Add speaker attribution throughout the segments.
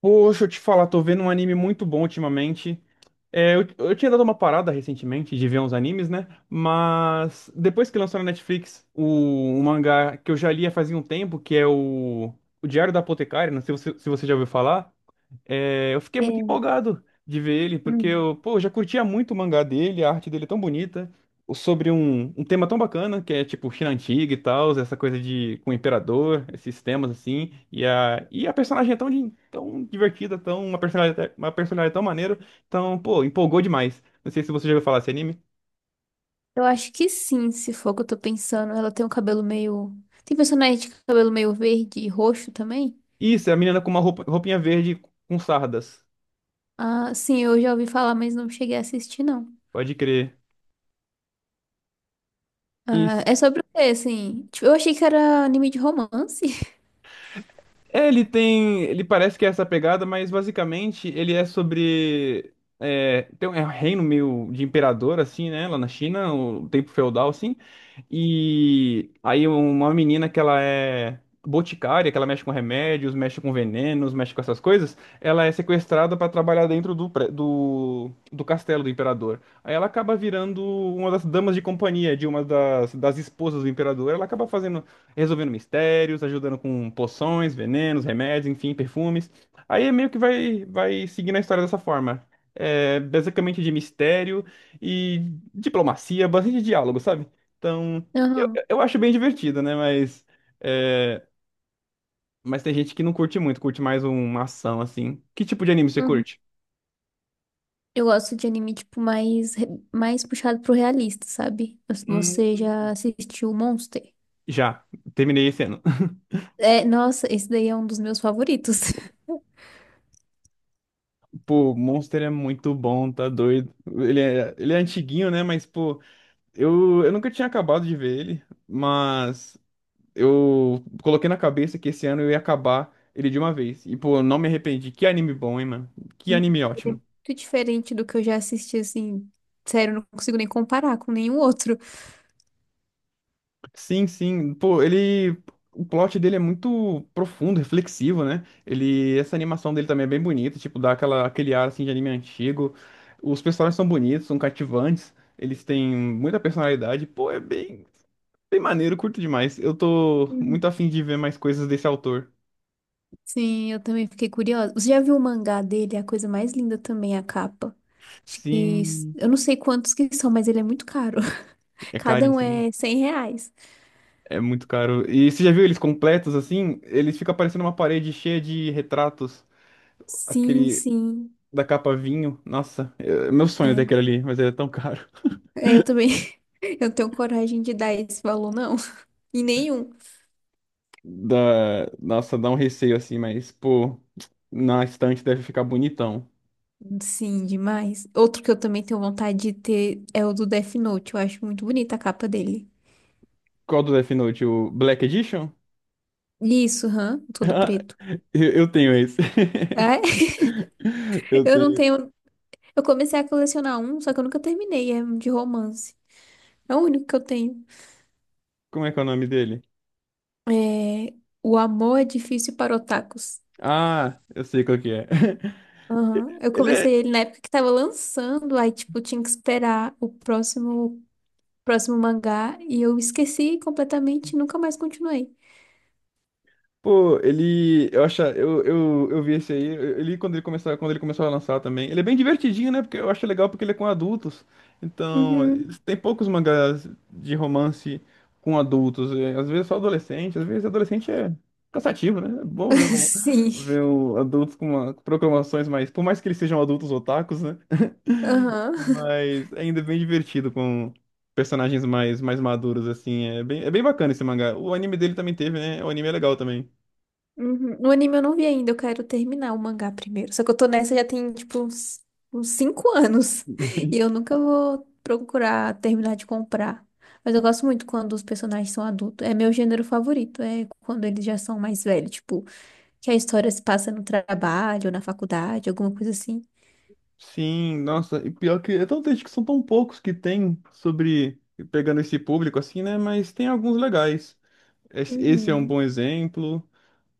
Speaker 1: Poxa, eu te falar, tô vendo um anime muito bom ultimamente. É, eu tinha dado uma parada recentemente de ver uns animes, né? Mas depois que lançou na Netflix um mangá que eu já lia fazia um tempo, que é o Diário da Apotecária, não sei se você já ouviu falar. É, eu fiquei muito
Speaker 2: É.
Speaker 1: empolgado de ver ele, porque
Speaker 2: Hum.
Speaker 1: pô, eu já curtia muito o mangá dele, a arte dele é tão bonita, sobre um tema tão bacana, que é tipo China Antiga e tal, essa coisa de com o imperador, esses temas assim, e a personagem é tão divertida, tão, uma personalidade tão maneira, então, pô, empolgou demais. Não sei se você já ouviu falar desse anime.
Speaker 2: Eu acho que sim, se for o que eu tô pensando. Ela tem um cabelo meio. Tem personagem de cabelo meio verde e roxo também?
Speaker 1: Isso, é a menina com uma roupa, roupinha verde com sardas,
Speaker 2: Ah, sim, eu já ouvi falar, mas não cheguei a assistir, não.
Speaker 1: pode crer.
Speaker 2: Ah, é sobre o quê, assim? Tipo, eu achei que era anime de romance.
Speaker 1: É, ele tem. Ele parece que é essa pegada, mas basicamente ele é sobre. É, é um reino meio de imperador, assim, né? Lá na China, o tempo feudal, assim. E aí uma menina que ela é boticária, que ela mexe com remédios, mexe com venenos, mexe com essas coisas, ela é sequestrada pra trabalhar dentro do castelo do imperador. Aí ela acaba virando uma das damas de companhia de uma das esposas do imperador. Ela acaba fazendo resolvendo mistérios, ajudando com poções, venenos, remédios, enfim, perfumes. Aí meio que vai seguindo a história dessa forma. É basicamente de mistério e diplomacia, bastante diálogo, sabe? Então, eu,
Speaker 2: Aham.
Speaker 1: eu acho bem divertido, né? É, mas tem gente que não curte muito, curte mais uma ação, assim. Que tipo de anime você
Speaker 2: Uhum.
Speaker 1: curte?
Speaker 2: Eu gosto de anime, tipo, mais, mais puxado pro realista, sabe?
Speaker 1: Hum,
Speaker 2: Você já assistiu Monster?
Speaker 1: já, terminei esse ano.
Speaker 2: É, nossa, esse daí é um dos meus favoritos.
Speaker 1: Pô, Monster é muito bom, tá doido. Ele é antiguinho, né? Mas, pô. Eu nunca tinha acabado de ver ele, mas eu coloquei na cabeça que esse ano eu ia acabar ele de uma vez. E, pô, eu não me arrependi. Que anime bom, hein, mano? Que
Speaker 2: Ele
Speaker 1: anime
Speaker 2: é
Speaker 1: ótimo.
Speaker 2: muito diferente do que eu já assisti, assim. Sério, eu não consigo nem comparar com nenhum outro.
Speaker 1: Sim, sim. Pô, ele. O plot dele é muito profundo, reflexivo, né? Ele. Essa animação dele também é bem bonita, tipo, dá aquela, aquele ar assim de anime antigo. Os personagens são bonitos, são cativantes, eles têm muita personalidade. Pô, é bem, bem maneiro, curto demais. Eu tô
Speaker 2: Uhum.
Speaker 1: muito afim de ver mais coisas desse autor.
Speaker 2: Sim, eu também fiquei curiosa. Você já viu o mangá dele? É a coisa mais linda também, a capa. Acho que...
Speaker 1: Sim.
Speaker 2: Eu não sei quantos que são, mas ele é muito caro.
Speaker 1: É
Speaker 2: Cada um
Speaker 1: caríssimo.
Speaker 2: é R$ 100.
Speaker 1: É muito caro. E você já viu eles completos assim? Eles ficam parecendo uma parede cheia de retratos.
Speaker 2: Sim,
Speaker 1: Aquele
Speaker 2: sim.
Speaker 1: da capa vinho. Nossa, é meu sonho é ter aquele
Speaker 2: É.
Speaker 1: ali, mas ele é tão caro.
Speaker 2: É, eu também. Eu não tenho coragem de dar esse valor, não. E nenhum.
Speaker 1: Dá, nossa, dá um receio assim, mas, pô, na estante deve ficar bonitão.
Speaker 2: Sim, demais. Outro que eu também tenho vontade de ter é o do Death Note. Eu acho muito bonita a capa dele.
Speaker 1: Qual do Death Note? O Black Edition?
Speaker 2: Isso, hã? Todo
Speaker 1: Ah,
Speaker 2: preto.
Speaker 1: eu tenho esse.
Speaker 2: É?
Speaker 1: Eu
Speaker 2: Eu não
Speaker 1: tenho.
Speaker 2: tenho. Eu comecei a colecionar um, só que eu nunca terminei. É um de romance. É o único que eu tenho.
Speaker 1: Como é que é o nome dele?
Speaker 2: É... O Amor é Difícil para Otakus.
Speaker 1: Ah, eu sei qual que é.
Speaker 2: Aham. Eu
Speaker 1: Ele é.
Speaker 2: comecei ele na época que tava lançando, aí, tipo, tinha que esperar o próximo, próximo mangá e eu esqueci completamente e nunca mais continuei.
Speaker 1: Pô, ele. Eu acho. Eu vi esse aí. Ele, quando ele começou a lançar também. Ele é bem divertidinho, né? Porque eu acho legal porque ele é com adultos. Então,
Speaker 2: Uhum.
Speaker 1: tem poucos mangás de romance com adultos. Às vezes só adolescente. Às vezes adolescente é cansativo, né? É bom
Speaker 2: Sim.
Speaker 1: ver um adultos com com proclamações mais. Por mais que eles sejam adultos otakus, né?
Speaker 2: Aham.
Speaker 1: Mas ainda é bem divertido com personagens mais maduros, assim. É bem bacana esse mangá. O anime dele também teve, né? O anime é legal também.
Speaker 2: Uhum. O anime eu não vi ainda, eu quero terminar o mangá primeiro. Só que eu tô nessa já tem, tipo, uns cinco anos. E eu nunca vou procurar terminar de comprar. Mas eu gosto muito quando os personagens são adultos. É meu gênero favorito, é quando eles já são mais velhos. Tipo, que a história se passa no trabalho, na faculdade, alguma coisa assim.
Speaker 1: Sim, nossa, e pior que é tão triste que são tão poucos que tem sobre pegando esse público assim, né? Mas tem alguns legais. Esse é um
Speaker 2: Uhum.
Speaker 1: bom exemplo.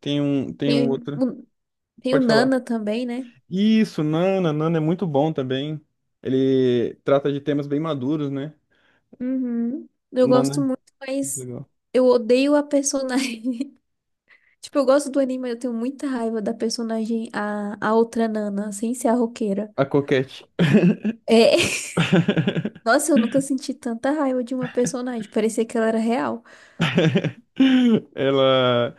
Speaker 1: Tem um
Speaker 2: Tem,
Speaker 1: outro.
Speaker 2: tem o
Speaker 1: Pode falar.
Speaker 2: Nana também, né?
Speaker 1: Isso, Nana, Nana é muito bom também. Ele trata de temas bem maduros, né?
Speaker 2: Uhum. Eu gosto
Speaker 1: Nana,
Speaker 2: muito, mas
Speaker 1: legal.
Speaker 2: eu odeio a personagem. Tipo, eu gosto do anime, mas eu tenho muita raiva da personagem, a outra Nana, sem ser a roqueira.
Speaker 1: A Coquette.
Speaker 2: É. Nossa, eu nunca senti tanta raiva de uma personagem. Parecia que ela era real.
Speaker 1: Ela.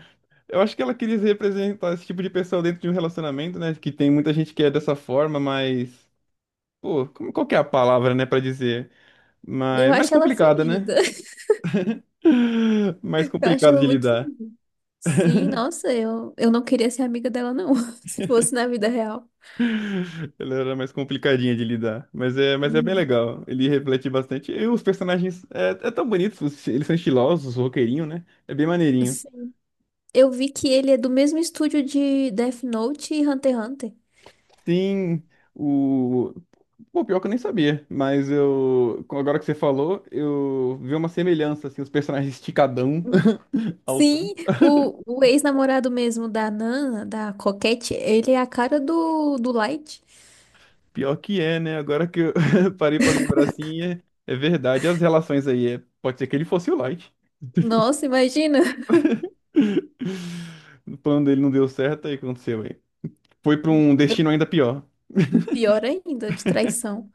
Speaker 1: Eu acho que ela queria representar esse tipo de pessoa dentro de um relacionamento, né? Que tem muita gente que é dessa forma, mas. Pô, qual que é a palavra, né, pra dizer?
Speaker 2: Eu
Speaker 1: Mas mais
Speaker 2: acho ela
Speaker 1: complicada, né?
Speaker 2: fingida.
Speaker 1: Mais
Speaker 2: Eu acho
Speaker 1: complicada
Speaker 2: ela
Speaker 1: de
Speaker 2: muito
Speaker 1: lidar.
Speaker 2: fingida. Sim, nossa, eu não queria ser amiga dela, não. Se fosse na vida real.
Speaker 1: Ela era mais complicadinha de lidar. Mas é bem
Speaker 2: Hum.
Speaker 1: legal. Ele reflete bastante. E os personagens é tão bonitos. Eles são estilosos, roqueirinho, né? É bem maneirinho.
Speaker 2: Sim. Eu vi que ele é do mesmo estúdio de Death Note e Hunter x Hunter.
Speaker 1: Sim, o. Pô, pior que eu nem sabia. Mas eu. Agora que você falou, eu vi uma semelhança, assim, os personagens esticadão.
Speaker 2: Hum.
Speaker 1: Alto.
Speaker 2: Sim, o ex-namorado mesmo da Nana, da Coquette, ele é a cara do, do Light.
Speaker 1: Pior que é, né? Agora que eu parei pra lembrar assim, é verdade. As relações aí. Pode ser que ele fosse o Light.
Speaker 2: Nossa, imagina.
Speaker 1: O plano dele não deu certo, aí o que aconteceu, aí? Foi pra um destino ainda pior.
Speaker 2: Pior ainda, de traição.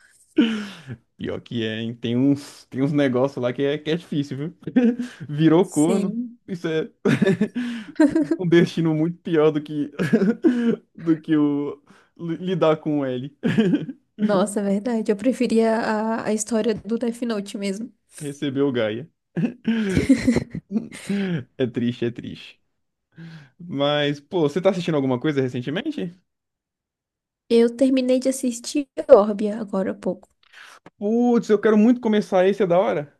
Speaker 1: Pior que é, hein? Tem uns negócios lá que é difícil, viu? Virou corno.
Speaker 2: Sim.
Speaker 1: Isso é um destino muito pior do que do que o li- lidar com o L.
Speaker 2: Nossa, é verdade. Eu preferia a história do Death Note mesmo.
Speaker 1: Recebeu o Gaia. É triste, é triste. Mas, pô, você tá assistindo alguma coisa recentemente?
Speaker 2: Eu terminei de assistir Orbia agora há pouco.
Speaker 1: Putz, eu quero muito começar esse, é da hora.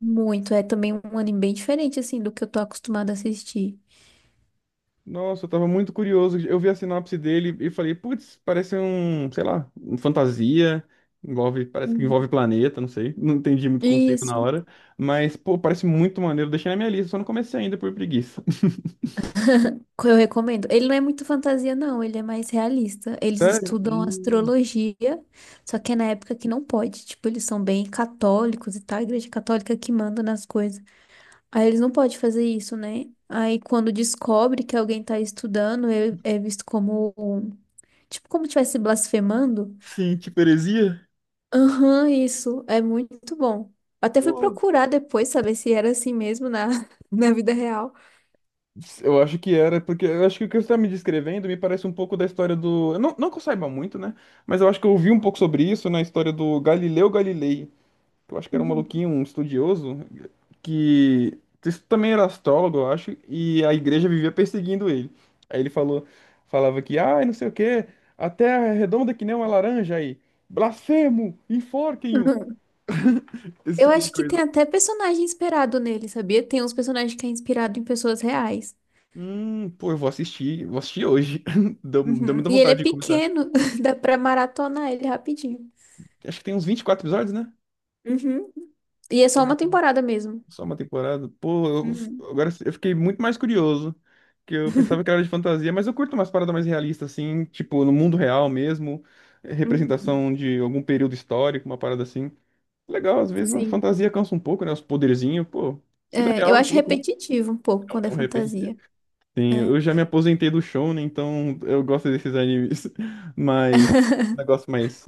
Speaker 2: Muito. É também um anime bem diferente, assim, do que eu tô acostumada a assistir.
Speaker 1: Nossa, eu tava muito curioso. Eu vi a sinopse dele e falei, putz, parece um, sei lá, um fantasia. Envolve, parece que envolve
Speaker 2: Uhum.
Speaker 1: planeta, não sei. Não entendi muito o conceito na
Speaker 2: Isso.
Speaker 1: hora. Mas, pô, parece muito maneiro. Deixei na minha lista, só não comecei ainda por preguiça.
Speaker 2: Eu recomendo. Ele não é muito fantasia, não. Ele é mais realista. Eles
Speaker 1: Sério?
Speaker 2: estudam astrologia, só que é na época que não pode. Tipo, eles são bem católicos e tal. A Igreja Católica que manda nas coisas. Aí eles não podem fazer isso, né? Aí quando descobre que alguém tá estudando, é, é visto como, tipo, como tivesse blasfemando.
Speaker 1: Sim, tipo heresia?
Speaker 2: Aham, isso. É muito bom. Até fui
Speaker 1: Pô,
Speaker 2: procurar depois saber se era assim mesmo na, na vida real.
Speaker 1: eu acho que era, porque eu acho que o que você tá me descrevendo me parece um pouco da história do. Não, não que eu saiba muito, né? Mas eu acho que eu ouvi um pouco sobre isso na história do Galileu Galilei. Que Eu acho que era um
Speaker 2: Uhum.
Speaker 1: maluquinho, um estudioso. Que isso também era astrólogo, eu acho, e a igreja vivia perseguindo ele. Aí ele falou, falava que, ai, não sei o quê, a terra é redonda que nem uma laranja aí. Blasfemo, enforquem-o,
Speaker 2: Aham.
Speaker 1: esse
Speaker 2: Eu
Speaker 1: tipo de
Speaker 2: acho que tem
Speaker 1: coisa.
Speaker 2: até personagem inspirado nele, sabia? Tem uns personagens que é inspirado em pessoas reais.
Speaker 1: Pô, eu vou assistir hoje. Deu
Speaker 2: Uhum.
Speaker 1: muita
Speaker 2: E ele é
Speaker 1: vontade de comentar.
Speaker 2: pequeno, dá pra maratonar ele rapidinho.
Speaker 1: Acho que tem uns 24 episódios, né?
Speaker 2: Uhum. E é só uma temporada mesmo.
Speaker 1: Só uma temporada? Pô,
Speaker 2: Uhum.
Speaker 1: agora eu fiquei muito mais curioso. Que eu pensava que era de fantasia, mas eu curto umas paradas mais realistas, assim, tipo, no mundo real mesmo,
Speaker 2: Uhum.
Speaker 1: representação de algum período histórico, uma parada assim. Legal, às vezes a
Speaker 2: Sim.
Speaker 1: fantasia cansa um pouco, né? Os poderzinhos, pô, vida
Speaker 2: É, eu
Speaker 1: real um
Speaker 2: acho
Speaker 1: pouco, né?
Speaker 2: repetitivo um pouco
Speaker 1: É um
Speaker 2: quando
Speaker 1: é
Speaker 2: é
Speaker 1: um repetitivo.
Speaker 2: fantasia.
Speaker 1: Sim,
Speaker 2: Né?
Speaker 1: eu já me aposentei do show, né? Então eu gosto desses animes, mas um negócio mais,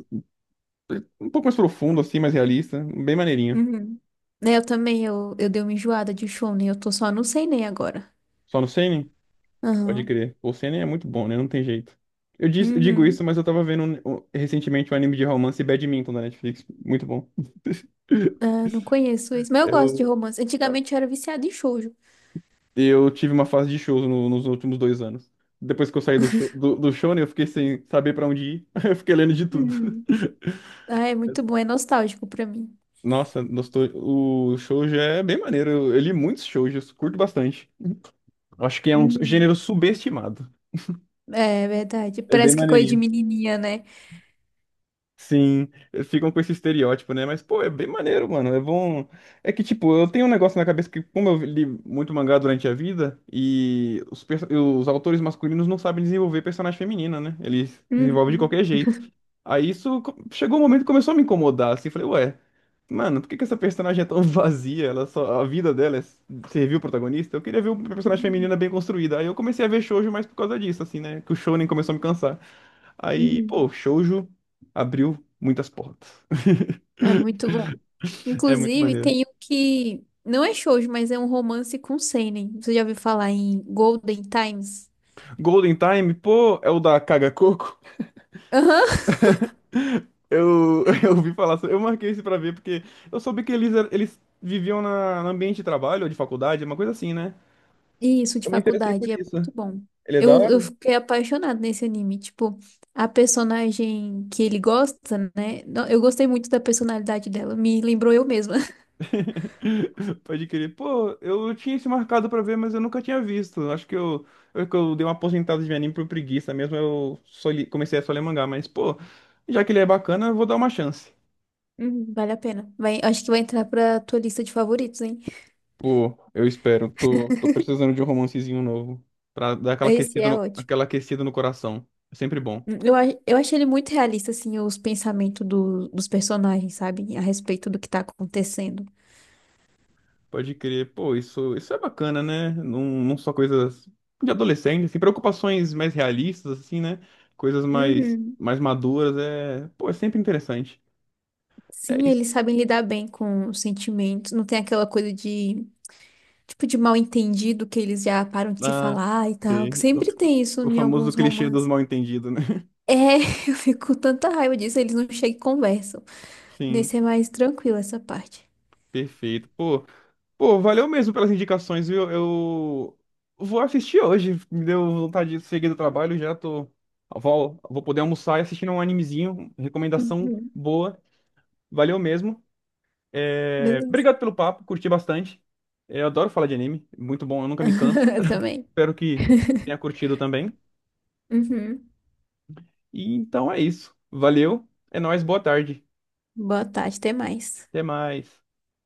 Speaker 1: um pouco mais profundo, assim, mais realista, bem maneirinho.
Speaker 2: Uhum. Né, eu também, eu dei uma enjoada de Shonen, eu tô só no seinen agora.
Speaker 1: Só no seinen? Pode
Speaker 2: Aham.
Speaker 1: crer. O Seinen é muito bom, né? Não tem jeito. Eu digo isso,
Speaker 2: Uhum.
Speaker 1: mas eu tava vendo recentemente um anime de romance Badminton da Netflix. Muito bom.
Speaker 2: Ah, não conheço isso, mas eu gosto de
Speaker 1: Eu,
Speaker 2: romance. Antigamente eu era viciada em shoujo.
Speaker 1: eu tive uma fase de shows nos últimos 2 anos. Depois que eu saí do Shonen, eu fiquei sem saber pra onde ir. Eu fiquei lendo de tudo.
Speaker 2: Uhum. Ah, é muito bom, é nostálgico pra mim.
Speaker 1: Nossa, o shoujo é bem maneiro. Eu li muitos shoujos, curto bastante. Eu acho que é um
Speaker 2: Uhum.
Speaker 1: gênero subestimado.
Speaker 2: É verdade,
Speaker 1: É bem
Speaker 2: parece que é coisa de
Speaker 1: maneirinho.
Speaker 2: menininha, né?
Speaker 1: Sim, ficam com esse estereótipo, né? Mas, pô, é bem maneiro, mano. É bom. É que, tipo, eu tenho um negócio na cabeça que, como eu li muito mangá durante a vida, e os autores masculinos não sabem desenvolver personagem feminina, né? Eles desenvolvem de
Speaker 2: Uhum.
Speaker 1: qualquer jeito. Aí chegou um momento que começou a me incomodar, assim. Falei, ué, mano, por que que essa personagem é tão vazia? Ela só... A vida dela é servir o protagonista? Eu queria ver uma personagem
Speaker 2: Uhum.
Speaker 1: feminina bem construída. Aí eu comecei a ver shoujo mais por causa disso, assim, né? Que o shounen começou a me cansar. Aí, pô,
Speaker 2: Uhum.
Speaker 1: shoujo abriu muitas portas.
Speaker 2: É muito bom.
Speaker 1: É muito
Speaker 2: Inclusive,
Speaker 1: maneiro.
Speaker 2: tem um que não é shoujo, mas é um romance com seinen. Você já ouviu falar em Golden Times?
Speaker 1: Golden Time, pô, é o da Caga Coco.
Speaker 2: Aham.
Speaker 1: Eu, eu ouvi falar, eu marquei isso pra ver porque eu soube que eles viviam no ambiente de trabalho ou de faculdade, uma coisa assim, né?
Speaker 2: Isso, de
Speaker 1: Eu me interessei por
Speaker 2: faculdade. É
Speaker 1: isso.
Speaker 2: muito bom.
Speaker 1: Ele é da
Speaker 2: Eu
Speaker 1: hora?
Speaker 2: fiquei apaixonada nesse anime. Tipo, a personagem que ele gosta, né? Não, eu gostei muito da personalidade dela. Me lembrou eu mesma.
Speaker 1: Pode crer. Pô, eu tinha isso marcado pra ver, mas eu nunca tinha visto. Acho que que eu dei uma aposentada de anime por preguiça mesmo. Eu comecei a só ler mangá, mas, pô, já que ele é bacana, eu vou dar uma chance.
Speaker 2: Uhum, vale a pena. Vai, acho que vai entrar pra tua lista de favoritos, hein?
Speaker 1: Pô, eu espero. Tô precisando de um romancezinho novo. Pra dar aquela
Speaker 2: Esse
Speaker 1: aquecida
Speaker 2: é
Speaker 1: no,
Speaker 2: ótimo.
Speaker 1: aquela aquecida no coração. É sempre bom.
Speaker 2: Eu, eu achei ele muito realista, assim, os pensamentos dos personagens, sabe? A respeito do que tá acontecendo.
Speaker 1: Pode crer. Pô, isso é bacana, né? Não, não só coisas de adolescente, assim, preocupações mais realistas, assim, né? Coisas mais,
Speaker 2: Uhum.
Speaker 1: mais maduras. É, pô, é sempre interessante. É
Speaker 2: Sim,
Speaker 1: isso.
Speaker 2: eles sabem lidar bem com os sentimentos. Não tem aquela coisa de, tipo, de mal entendido que eles já param de se
Speaker 1: Ah,
Speaker 2: falar e tal.
Speaker 1: sei.
Speaker 2: Que sempre tem isso
Speaker 1: O
Speaker 2: em
Speaker 1: famoso
Speaker 2: alguns
Speaker 1: clichê dos
Speaker 2: romances.
Speaker 1: mal-entendidos, né?
Speaker 2: É, eu fico com tanta raiva disso, eles não chegam e conversam.
Speaker 1: Sim,
Speaker 2: Nesse é mais tranquilo essa parte.
Speaker 1: perfeito. Pô. Pô, valeu mesmo pelas indicações, viu? Eu vou assistir hoje. Me deu vontade de seguir do trabalho, já tô. Vou poder almoçar e assistir um animezinho. Recomendação
Speaker 2: Uhum.
Speaker 1: boa. Valeu mesmo. É,
Speaker 2: Beleza.
Speaker 1: obrigado pelo papo, curti bastante. É, eu adoro falar de anime, muito bom, eu nunca me canso.
Speaker 2: Eu também.
Speaker 1: Espero que tenha curtido também.
Speaker 2: Uhum.
Speaker 1: E então é isso. Valeu, é nóis, boa tarde.
Speaker 2: Boa tarde, até mais.
Speaker 1: Até mais.